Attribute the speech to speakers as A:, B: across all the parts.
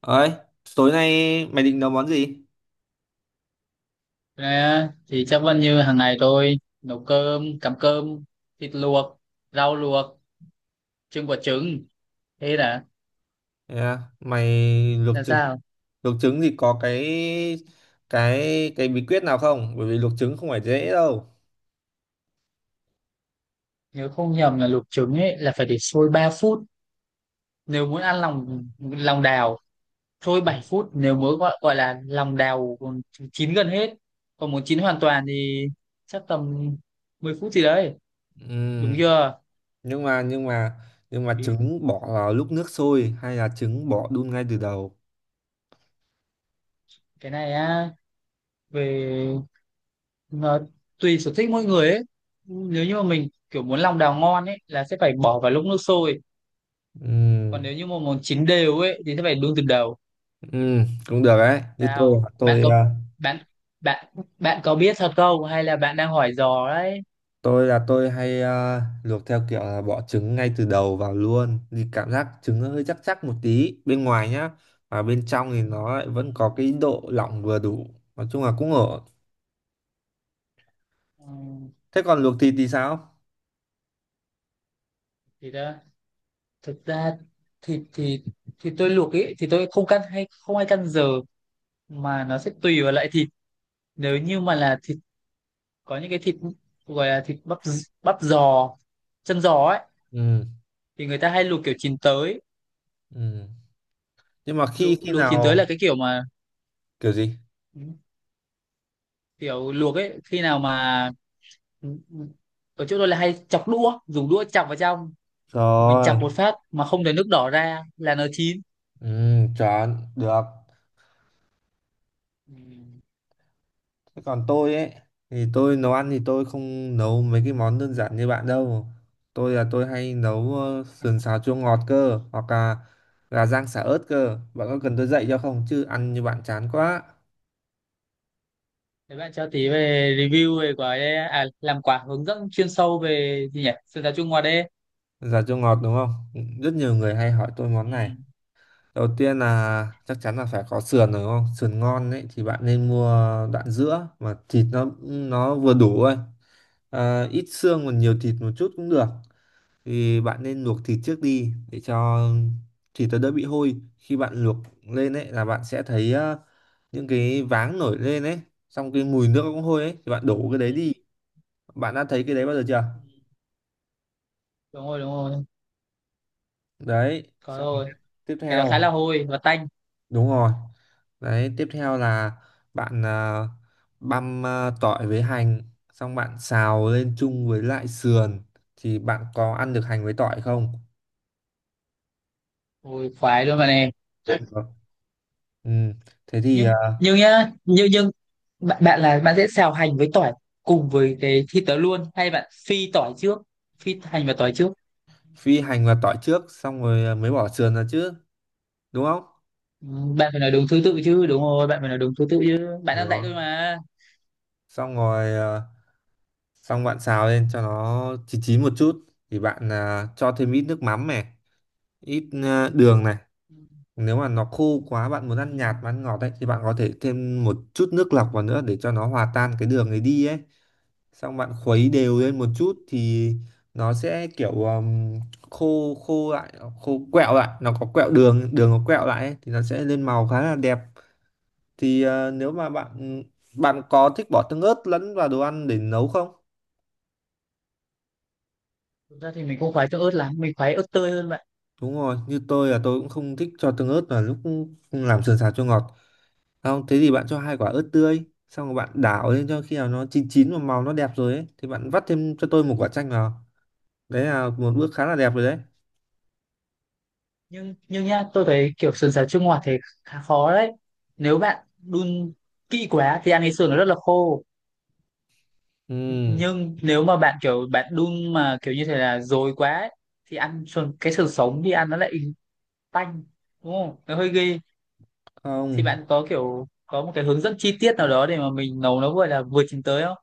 A: Ấy, tối nay mày định nấu món gì?
B: Rồi thì chắc vẫn như hàng ngày tôi nấu cơm, cắm cơm, thịt luộc, rau luộc, trưng quả trứng. Thế đã,
A: Yeah, mày luộc
B: là
A: trứng,
B: sao?
A: luộc trứng thì có cái cái bí quyết nào không? Bởi vì luộc trứng không phải dễ đâu.
B: Nếu không nhầm là luộc trứng ấy là phải để sôi 3 phút. Nếu muốn ăn lòng lòng đào, sôi 7 phút. Nếu muốn gọi là lòng đào còn chín gần hết. Còn muốn chín hoàn toàn thì chắc tầm 10 phút gì đấy. Đúng
A: Ừm,
B: chưa?
A: nhưng mà nhưng mà nhưng mà
B: Bí-
A: trứng bỏ vào lúc nước sôi hay là trứng bỏ đun ngay từ đầu?
B: Cái này á, về Ờ, tùy sở thích mỗi người ấy, nếu như mà mình kiểu muốn lòng đào ngon ấy là sẽ phải bỏ vào lúc nước sôi, còn
A: Ừm,
B: nếu như mà muốn chín đều ấy thì sẽ phải đun từ đầu.
A: cũng được đấy. Như tôi à,
B: Sao bạn
A: tôi
B: có
A: à,
B: bạn bạn bạn có biết thật không hay là bạn đang hỏi dò đấy?
A: tôi là tôi hay luộc theo kiểu là bỏ trứng ngay từ đầu vào luôn thì cảm giác trứng nó hơi chắc chắc một tí bên ngoài nhá, và bên trong thì nó lại vẫn có cái độ lỏng vừa đủ, nói chung là cũng ổn.
B: Ừ,
A: Thế còn luộc thịt thì sao?
B: thì đó, thực ra thịt thì tôi luộc ấy thì tôi không căn hay không hay căn giờ, mà nó sẽ tùy vào loại thịt. Nếu như mà là thịt, có những cái thịt gọi là thịt bắp, bắp giò, chân giò ấy
A: ừ,
B: thì người ta hay luộc kiểu chín tới.
A: ừ. Nhưng mà khi
B: luộc
A: khi
B: luộc chín tới là
A: nào?
B: cái kiểu mà
A: Kiểu gì?
B: kiểu luộc ấy, khi nào mà ở chỗ tôi là hay chọc đũa, dùng đũa chọc vào trong,
A: Trời
B: mình chọc một
A: ơi,
B: phát mà không để nước đỏ ra là nó chín.
A: ừ, chọn được.
B: Ừ.
A: Thế còn tôi ấy thì tôi nấu ăn thì tôi không nấu mấy cái món đơn giản như bạn đâu. Tôi là tôi hay nấu sườn xào chua ngọt cơ hoặc là gà rang xả ớt cơ. Bạn có cần tôi dạy cho không chứ ăn như bạn chán quá.
B: Thế bạn cho tí về review về quả đê à, làm quả hướng dẫn chuyên sâu về gì nhỉ, sườn giáo Trung Hoa đê.
A: Sườn xào chua ngọt đúng không? Rất nhiều người hay hỏi tôi món này.
B: Ừ.
A: Đầu tiên là chắc chắn là phải có sườn rồi đúng không? Sườn ngon ấy thì bạn nên mua đoạn giữa mà thịt nó vừa đủ thôi. À, ít xương còn nhiều thịt một chút cũng được, thì bạn nên luộc thịt trước đi để cho thịt nó đỡ bị hôi. Khi bạn luộc lên ấy là bạn sẽ thấy những cái váng nổi lên ấy, xong cái mùi nước cũng hôi ấy, thì bạn đổ cái
B: Ừ,
A: đấy đi. Bạn đã thấy cái đấy bao giờ chưa?
B: ừ. Đúng rồi, đúng rồi,
A: Đấy,
B: có
A: xong rồi tiếp,
B: rồi,
A: tiếp
B: cái đó khá
A: theo,
B: là hôi và tanh.
A: đúng rồi. Đấy, tiếp theo là bạn băm tỏi với hành, xong bạn xào lên chung với lại sườn. Thì bạn có ăn được hành với tỏi không?
B: Hôi khoái luôn bạn này.
A: Được. Ừ. Thế thì
B: nhưng nhưng nhá nhưng nhưng bạn là bạn sẽ xào hành với tỏi cùng với cái thịt đó luôn hay bạn phi tỏi trước, phi hành và tỏi trước?
A: phi hành vào tỏi trước xong rồi mới bỏ sườn ra chứ, đúng không?
B: Ừ, bạn phải nói đúng thứ tự chứ, đúng rồi, bạn phải nói đúng thứ tự chứ, bạn đang dạy
A: Rồi,
B: tôi mà.
A: xong rồi, xong bạn xào lên cho nó chín chín một chút thì bạn cho thêm ít nước mắm này, ít đường này.
B: Ừ,
A: Nếu mà nó khô quá, bạn
B: ừ,
A: muốn ăn nhạt mà ăn ngọt ấy, thì bạn có thể thêm một chút nước lọc vào nữa để cho nó hòa tan cái đường ấy đi ấy, xong bạn khuấy đều lên một
B: ừ.
A: chút thì nó sẽ kiểu khô khô lại, khô quẹo lại, nó có quẹo đường, đường nó quẹo lại ấy, thì nó sẽ lên màu khá là đẹp. Thì nếu mà bạn bạn có thích bỏ tương ớt lẫn vào đồ ăn để nấu không?
B: Thực ra thì mình không khoái cho ớt lắm, mình khoái ớt tươi hơn bạn.
A: Đúng rồi, như tôi là tôi cũng không thích cho tương ớt vào lúc làm sườn xào cho ngọt. Không, thế thì bạn cho hai quả ớt tươi, xong rồi bạn đảo lên cho khi nào nó chín chín và màu nó đẹp rồi ấy, thì bạn vắt thêm cho tôi một quả chanh vào. Đấy là một bước khá là đẹp rồi đấy.
B: Nhưng nhá, tôi thấy kiểu sườn xào chua ngọt thì khá khó đấy. Nếu bạn đun kỹ quá thì ăn cái sườn nó rất là khô,
A: Ừ,
B: nhưng nếu mà bạn kiểu bạn đun mà kiểu như thế là dồi quá ấy, thì ăn cái sự sống đi ăn nó lại tanh, đúng không, nó hơi ghê. Thì
A: không,
B: bạn có kiểu có một cái hướng dẫn chi tiết nào đó để mà mình nấu nó gọi là vừa chín tới không,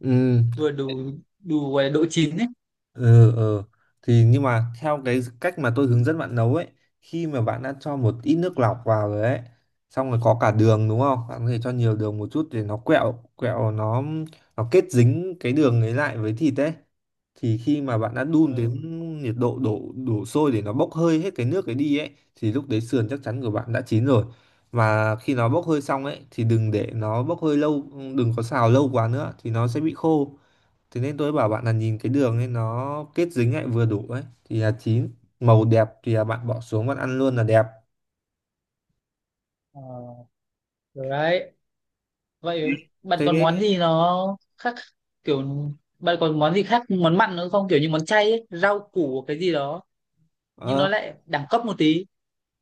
A: ừ.
B: vừa đủ, đủ gọi là độ chín ấy?
A: Ừ. Thì nhưng mà theo cái cách mà tôi hướng dẫn bạn nấu ấy, khi mà bạn đã cho một ít nước lọc vào rồi ấy, xong rồi có cả đường đúng không, bạn có thể cho nhiều đường một chút để nó quẹo quẹo, nó kết dính cái đường ấy lại với thịt ấy, thì khi mà bạn đã đun đến
B: Ừ.
A: nhiệt độ đổ đổ sôi để nó bốc hơi hết cái nước ấy đi ấy, thì lúc đấy sườn chắc chắn của bạn đã chín rồi. Và khi nó bốc hơi xong ấy thì đừng để nó bốc hơi lâu, đừng có xào lâu quá nữa thì nó sẽ bị khô. Thế nên tôi bảo bạn là nhìn cái đường ấy nó kết dính lại vừa đủ ấy thì là chín, màu đẹp thì là bạn bỏ xuống bạn ăn luôn là đẹp.
B: Ờ, được đấy. Vậy bạn
A: Thế
B: còn món gì nó khác kiểu, bạn còn món gì khác, món mặn nữa không, kiểu như món chay ấy, rau củ cái gì đó, nhưng nó
A: ờ,
B: lại đẳng cấp một tí?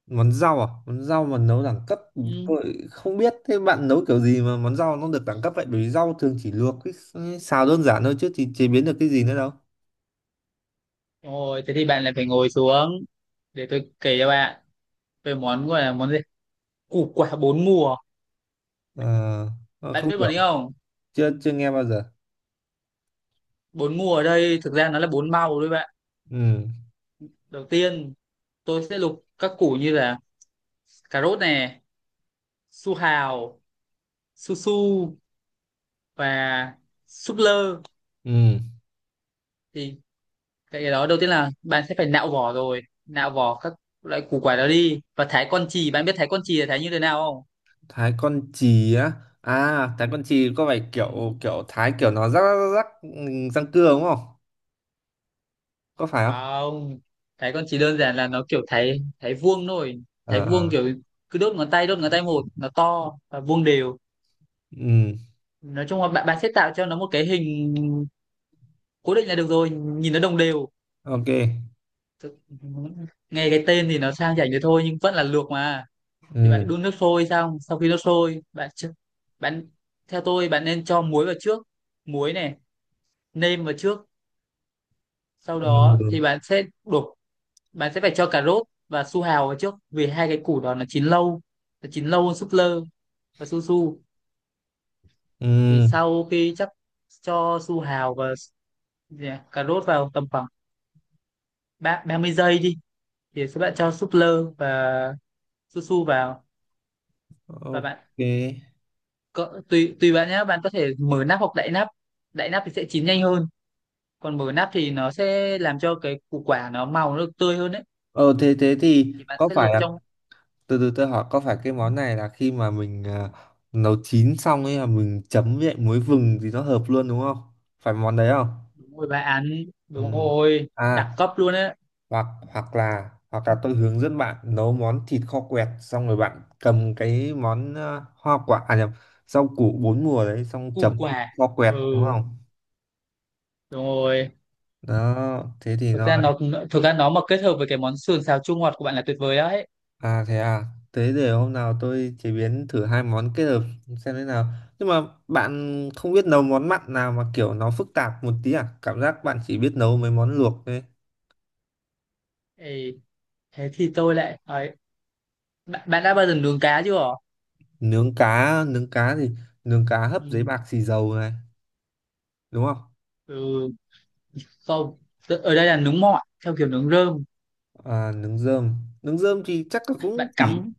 A: món rau à? Món rau mà nấu đẳng cấp,
B: Ừ.
A: tôi không biết thế bạn nấu kiểu gì mà món rau nó được đẳng cấp vậy? Bởi vì rau thường chỉ luộc với xào đơn giản thôi chứ, thì chế biến được cái gì nữa đâu.
B: Rồi, thế thì bạn lại phải ngồi xuống để tôi kể cho bạn về món gọi là món gì? Củ quả bốn mùa.
A: Ờ,
B: Bạn
A: không
B: biết bọn
A: hiểu,
B: ấy không?
A: chưa chưa nghe bao giờ.
B: Bốn mùa ở đây thực ra nó là bốn màu đấy bạn.
A: Ừ,
B: Đầu tiên tôi sẽ lục các củ như là cà rốt này, su hào, su su và súp lơ.
A: ừ,
B: Thì cái đó, đầu tiên là bạn sẽ phải nạo vỏ rồi, nạo vỏ các loại củ quả đó đi và thái con chì. Bạn biết thái con chì là thái như thế nào không?
A: thái con chì á. À, thái con chì có phải
B: Ừ.
A: kiểu kiểu thái kiểu nó rắc rắc rắc, ừ, răng cưa đúng không? Có phải không?
B: Không, thấy con chỉ đơn giản là nó kiểu thấy thấy vuông thôi, thấy
A: Ờ,
B: vuông
A: ờ.
B: kiểu cứ đốt ngón tay, đốt ngón tay một, nó to và vuông đều.
A: Ừ,
B: Nói chung là bạn bạn sẽ tạo cho nó một cái hình cố định là được rồi, nhìn nó đồng đều.
A: ok,
B: Thực- Nghe cái tên thì nó sang chảnh thế thôi nhưng vẫn là luộc mà. Thì bạn
A: ừ,
B: đun nước sôi, xong sau khi nước sôi bạn ch- bạn theo tôi bạn nên cho muối vào trước, muối này, nêm vào trước. Sau đó thì
A: ừ,
B: bạn sẽ đổ, bạn sẽ phải cho cà rốt và su hào vào trước vì hai cái củ đó nó chín lâu, nó chín lâu hơn súp lơ và su su. Thì
A: ừ,
B: sau khi chắc cho su hào và, dạ, cà rốt vào tầm khoảng 30 giây đi, thì sẽ bạn cho súp lơ và su su vào. Và
A: ok.
B: bạn cỡ, tùy tùy bạn nhé, bạn có thể mở nắp hoặc đậy nắp, đậy nắp thì sẽ chín nhanh hơn, còn mở nắp thì nó sẽ làm cho cái củ quả nó màu nó được tươi hơn đấy.
A: Ờ, thế thế thì
B: Thì bạn
A: có
B: sẽ luộc
A: phải là,
B: trong,
A: từ từ tôi hỏi, có phải cái món này là khi mà mình à, nấu chín xong ấy là mình chấm với lại muối vừng thì nó hợp luôn đúng không? Phải món đấy không?
B: đúng rồi bà án,
A: Ừ.
B: đúng rồi
A: À,
B: đẳng cấp luôn đấy,
A: hoặc hoặc là tôi hướng dẫn bạn nấu món thịt kho quẹt xong rồi bạn cầm cái món à, hoa quả à, nhầm, rau củ bốn mùa đấy xong
B: củ
A: chấm với
B: quả.
A: kho quẹt
B: Ừ,
A: đúng không?
B: đúng rồi.
A: Đó, thế thì
B: thực
A: nó.
B: ra nó thực ra nó mà kết hợp với cái món sườn xào chua ngọt của bạn là tuyệt vời đấy.
A: À, thế để hôm nào tôi chế biến thử hai món kết hợp xem thế nào. Nhưng mà bạn không biết nấu món mặn nào mà kiểu nó phức tạp một tí à? Cảm giác bạn chỉ biết nấu mấy món luộc thôi.
B: Ê, thế thì tôi lại ấy, bạn đã bao giờ nướng cá chưa?
A: Nướng cá thì nướng cá hấp giấy
B: Ừ,
A: bạc xì dầu này, đúng không?
B: ừ. Không. Ở đây là nướng mọi theo kiểu nướng rơm.
A: À, nướng rơm thì chắc là cũng
B: Bạn
A: chỉ
B: cắm,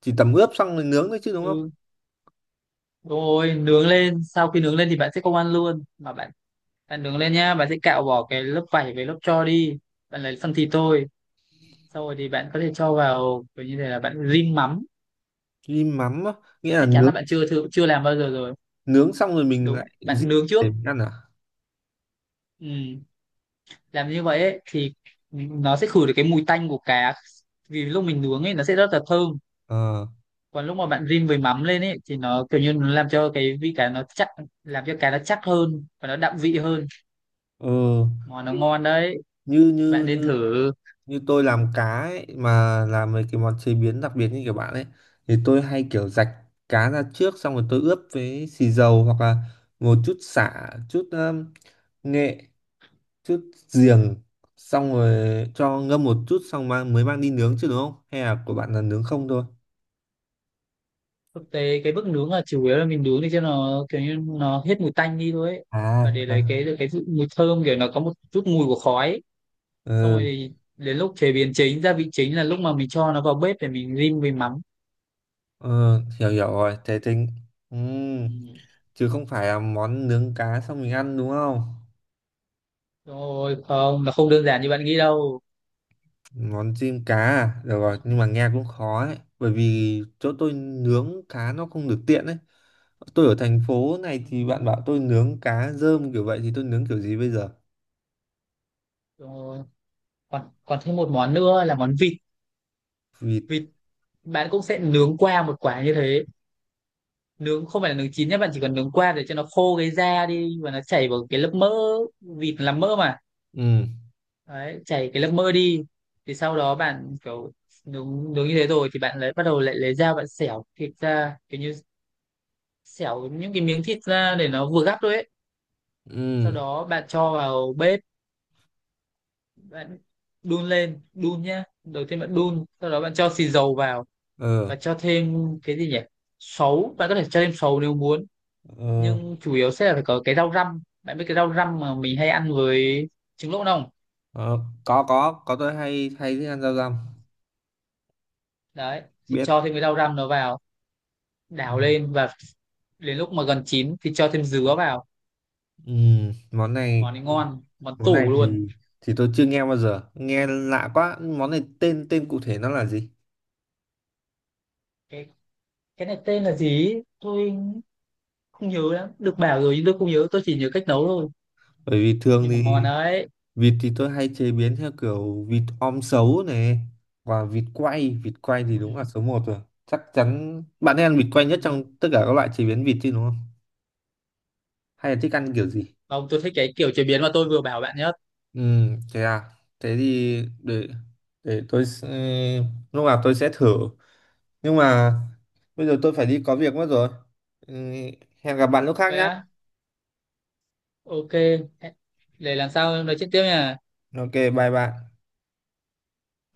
A: chỉ tẩm ướp xong rồi nướng thôi chứ đúng không?
B: ừ, đúng rồi, nướng lên, sau khi nướng lên thì bạn sẽ không ăn luôn mà bạn bạn nướng lên nhá, bạn sẽ cạo bỏ cái lớp vảy với lớp tro đi, bạn lấy phần thịt thôi. Sau rồi thì bạn có thể cho vào kiểu như thế là bạn rim mắm.
A: Rim mắm á, nghĩa là
B: Chắc chắn là
A: nướng,
B: bạn chưa thử, chưa làm bao giờ rồi.
A: nướng xong rồi mình
B: Đúng,
A: lại giết
B: bạn nướng trước.
A: để mình ăn à?
B: Ừ. Làm như vậy ấy, thì nó sẽ khử được cái mùi tanh của cá, vì lúc mình nướng ấy nó sẽ rất là thơm.
A: Ờ,
B: Còn lúc mà bạn rim với mắm lên ấy thì nó kiểu như nó làm cho cái vị cá nó chắc, làm cho cá nó chắc hơn và nó đậm vị hơn.
A: ờ,
B: Món nó ngon đấy,
A: như
B: bạn
A: như
B: nên
A: như
B: thử.
A: như tôi làm cá ấy, mà làm mấy cái món chế biến đặc biệt như kiểu bạn ấy, thì tôi hay kiểu rạch cá ra trước, xong rồi tôi ướp với xì dầu hoặc là một chút sả, chút nghệ, chút giềng, xong rồi cho ngâm một chút xong mang, mới mang đi nướng chứ, đúng không, hay là của bạn là nướng không thôi?
B: Thực tế cái bước nướng là chủ yếu là mình nướng để cho nó kiểu như nó hết mùi tanh đi thôi ấy,
A: à
B: và để
A: à,
B: lấy cái mùi thơm kiểu nó có một chút mùi của khói ấy. Xong rồi
A: ừ,
B: thì đến lúc chế biến chính, gia vị chính là lúc mà mình cho nó vào bếp để mình rim với mắm.
A: ừ, hiểu hiểu rồi, thế tính, ừ,
B: Ừ.
A: chứ không phải là món nướng cá xong mình ăn đúng không?
B: Rồi không, nó không đơn giản như bạn nghĩ đâu.
A: Món chim cá à? Được rồi, nhưng mà nghe cũng khó ấy. Bởi vì chỗ tôi nướng cá nó không được tiện ấy. Tôi ở thành phố này
B: Ừ.
A: thì bạn bảo tôi nướng cá rơm kiểu vậy thì tôi nướng kiểu gì bây giờ?
B: Rồi, còn còn thêm một món nữa là món vịt.
A: Vịt.
B: Vịt bạn cũng sẽ nướng qua một quả như thế. Nướng không phải là nướng chín nhé, bạn chỉ cần nướng qua để cho nó khô cái da đi và nó chảy vào cái lớp mỡ, vịt là mỡ mà.
A: Ừ,
B: Đấy, chảy cái lớp mỡ đi. Thì sau đó bạn kiểu nướng nướng như thế rồi thì bạn lại bắt đầu lại lấy dao, bạn xẻo thịt ra, kiểu như xẻo những cái miếng thịt ra để nó vừa gắp thôi ấy. Sau
A: ừ,
B: đó bạn cho vào bếp, bạn đun lên, đun nhá, đầu tiên bạn đun sau đó bạn cho xì dầu vào,
A: ừ,
B: và cho thêm cái gì nhỉ, sấu, bạn có thể cho thêm sấu nếu muốn,
A: ừ.
B: nhưng chủ yếu sẽ là phải có cái rau răm. Bạn biết cái rau răm mà mình hay ăn với trứng lỗ không?
A: Ờ, có, tôi hay hay thích ăn rau răm.
B: Đấy, thì
A: Biết.
B: cho thêm cái rau răm nó vào,
A: Ừ.
B: đảo lên, và đến lúc mà gần chín thì cho thêm dứa vào.
A: Ừ, món
B: Món
A: này,
B: này ngon, món
A: món này
B: tủ luôn.
A: thì tôi chưa nghe bao giờ. Nghe lạ quá. Món này tên tên cụ thể nó là gì?
B: Cái cái này tên là gì tôi không nhớ lắm, được bảo rồi nhưng tôi không nhớ, tôi chỉ nhớ cách nấu thôi,
A: Bởi vì thường
B: nhưng mà ngon
A: thì
B: đấy.
A: vịt thì tôi hay chế biến theo kiểu vịt om sấu này, và vịt quay thì đúng là
B: Ừ.
A: số một rồi. Chắc chắn bạn hay ăn vịt quay
B: Ừ.
A: nhất trong tất cả các loại chế biến vịt chứ đúng không? Hay là thích ăn kiểu gì?
B: Không, tôi thích cái kiểu chế biến mà tôi vừa bảo bạn nhất.
A: Ừ, thế à. Thế thì để tôi, lúc nào tôi sẽ thử. Nhưng mà bây giờ tôi phải đi có việc mất rồi. Ừ, hẹn gặp bạn lúc khác
B: Vậy
A: nhé.
B: á, ok. Để làm sao nói chuyện tiếp nha.
A: Ok, bye bạn.
B: Bye.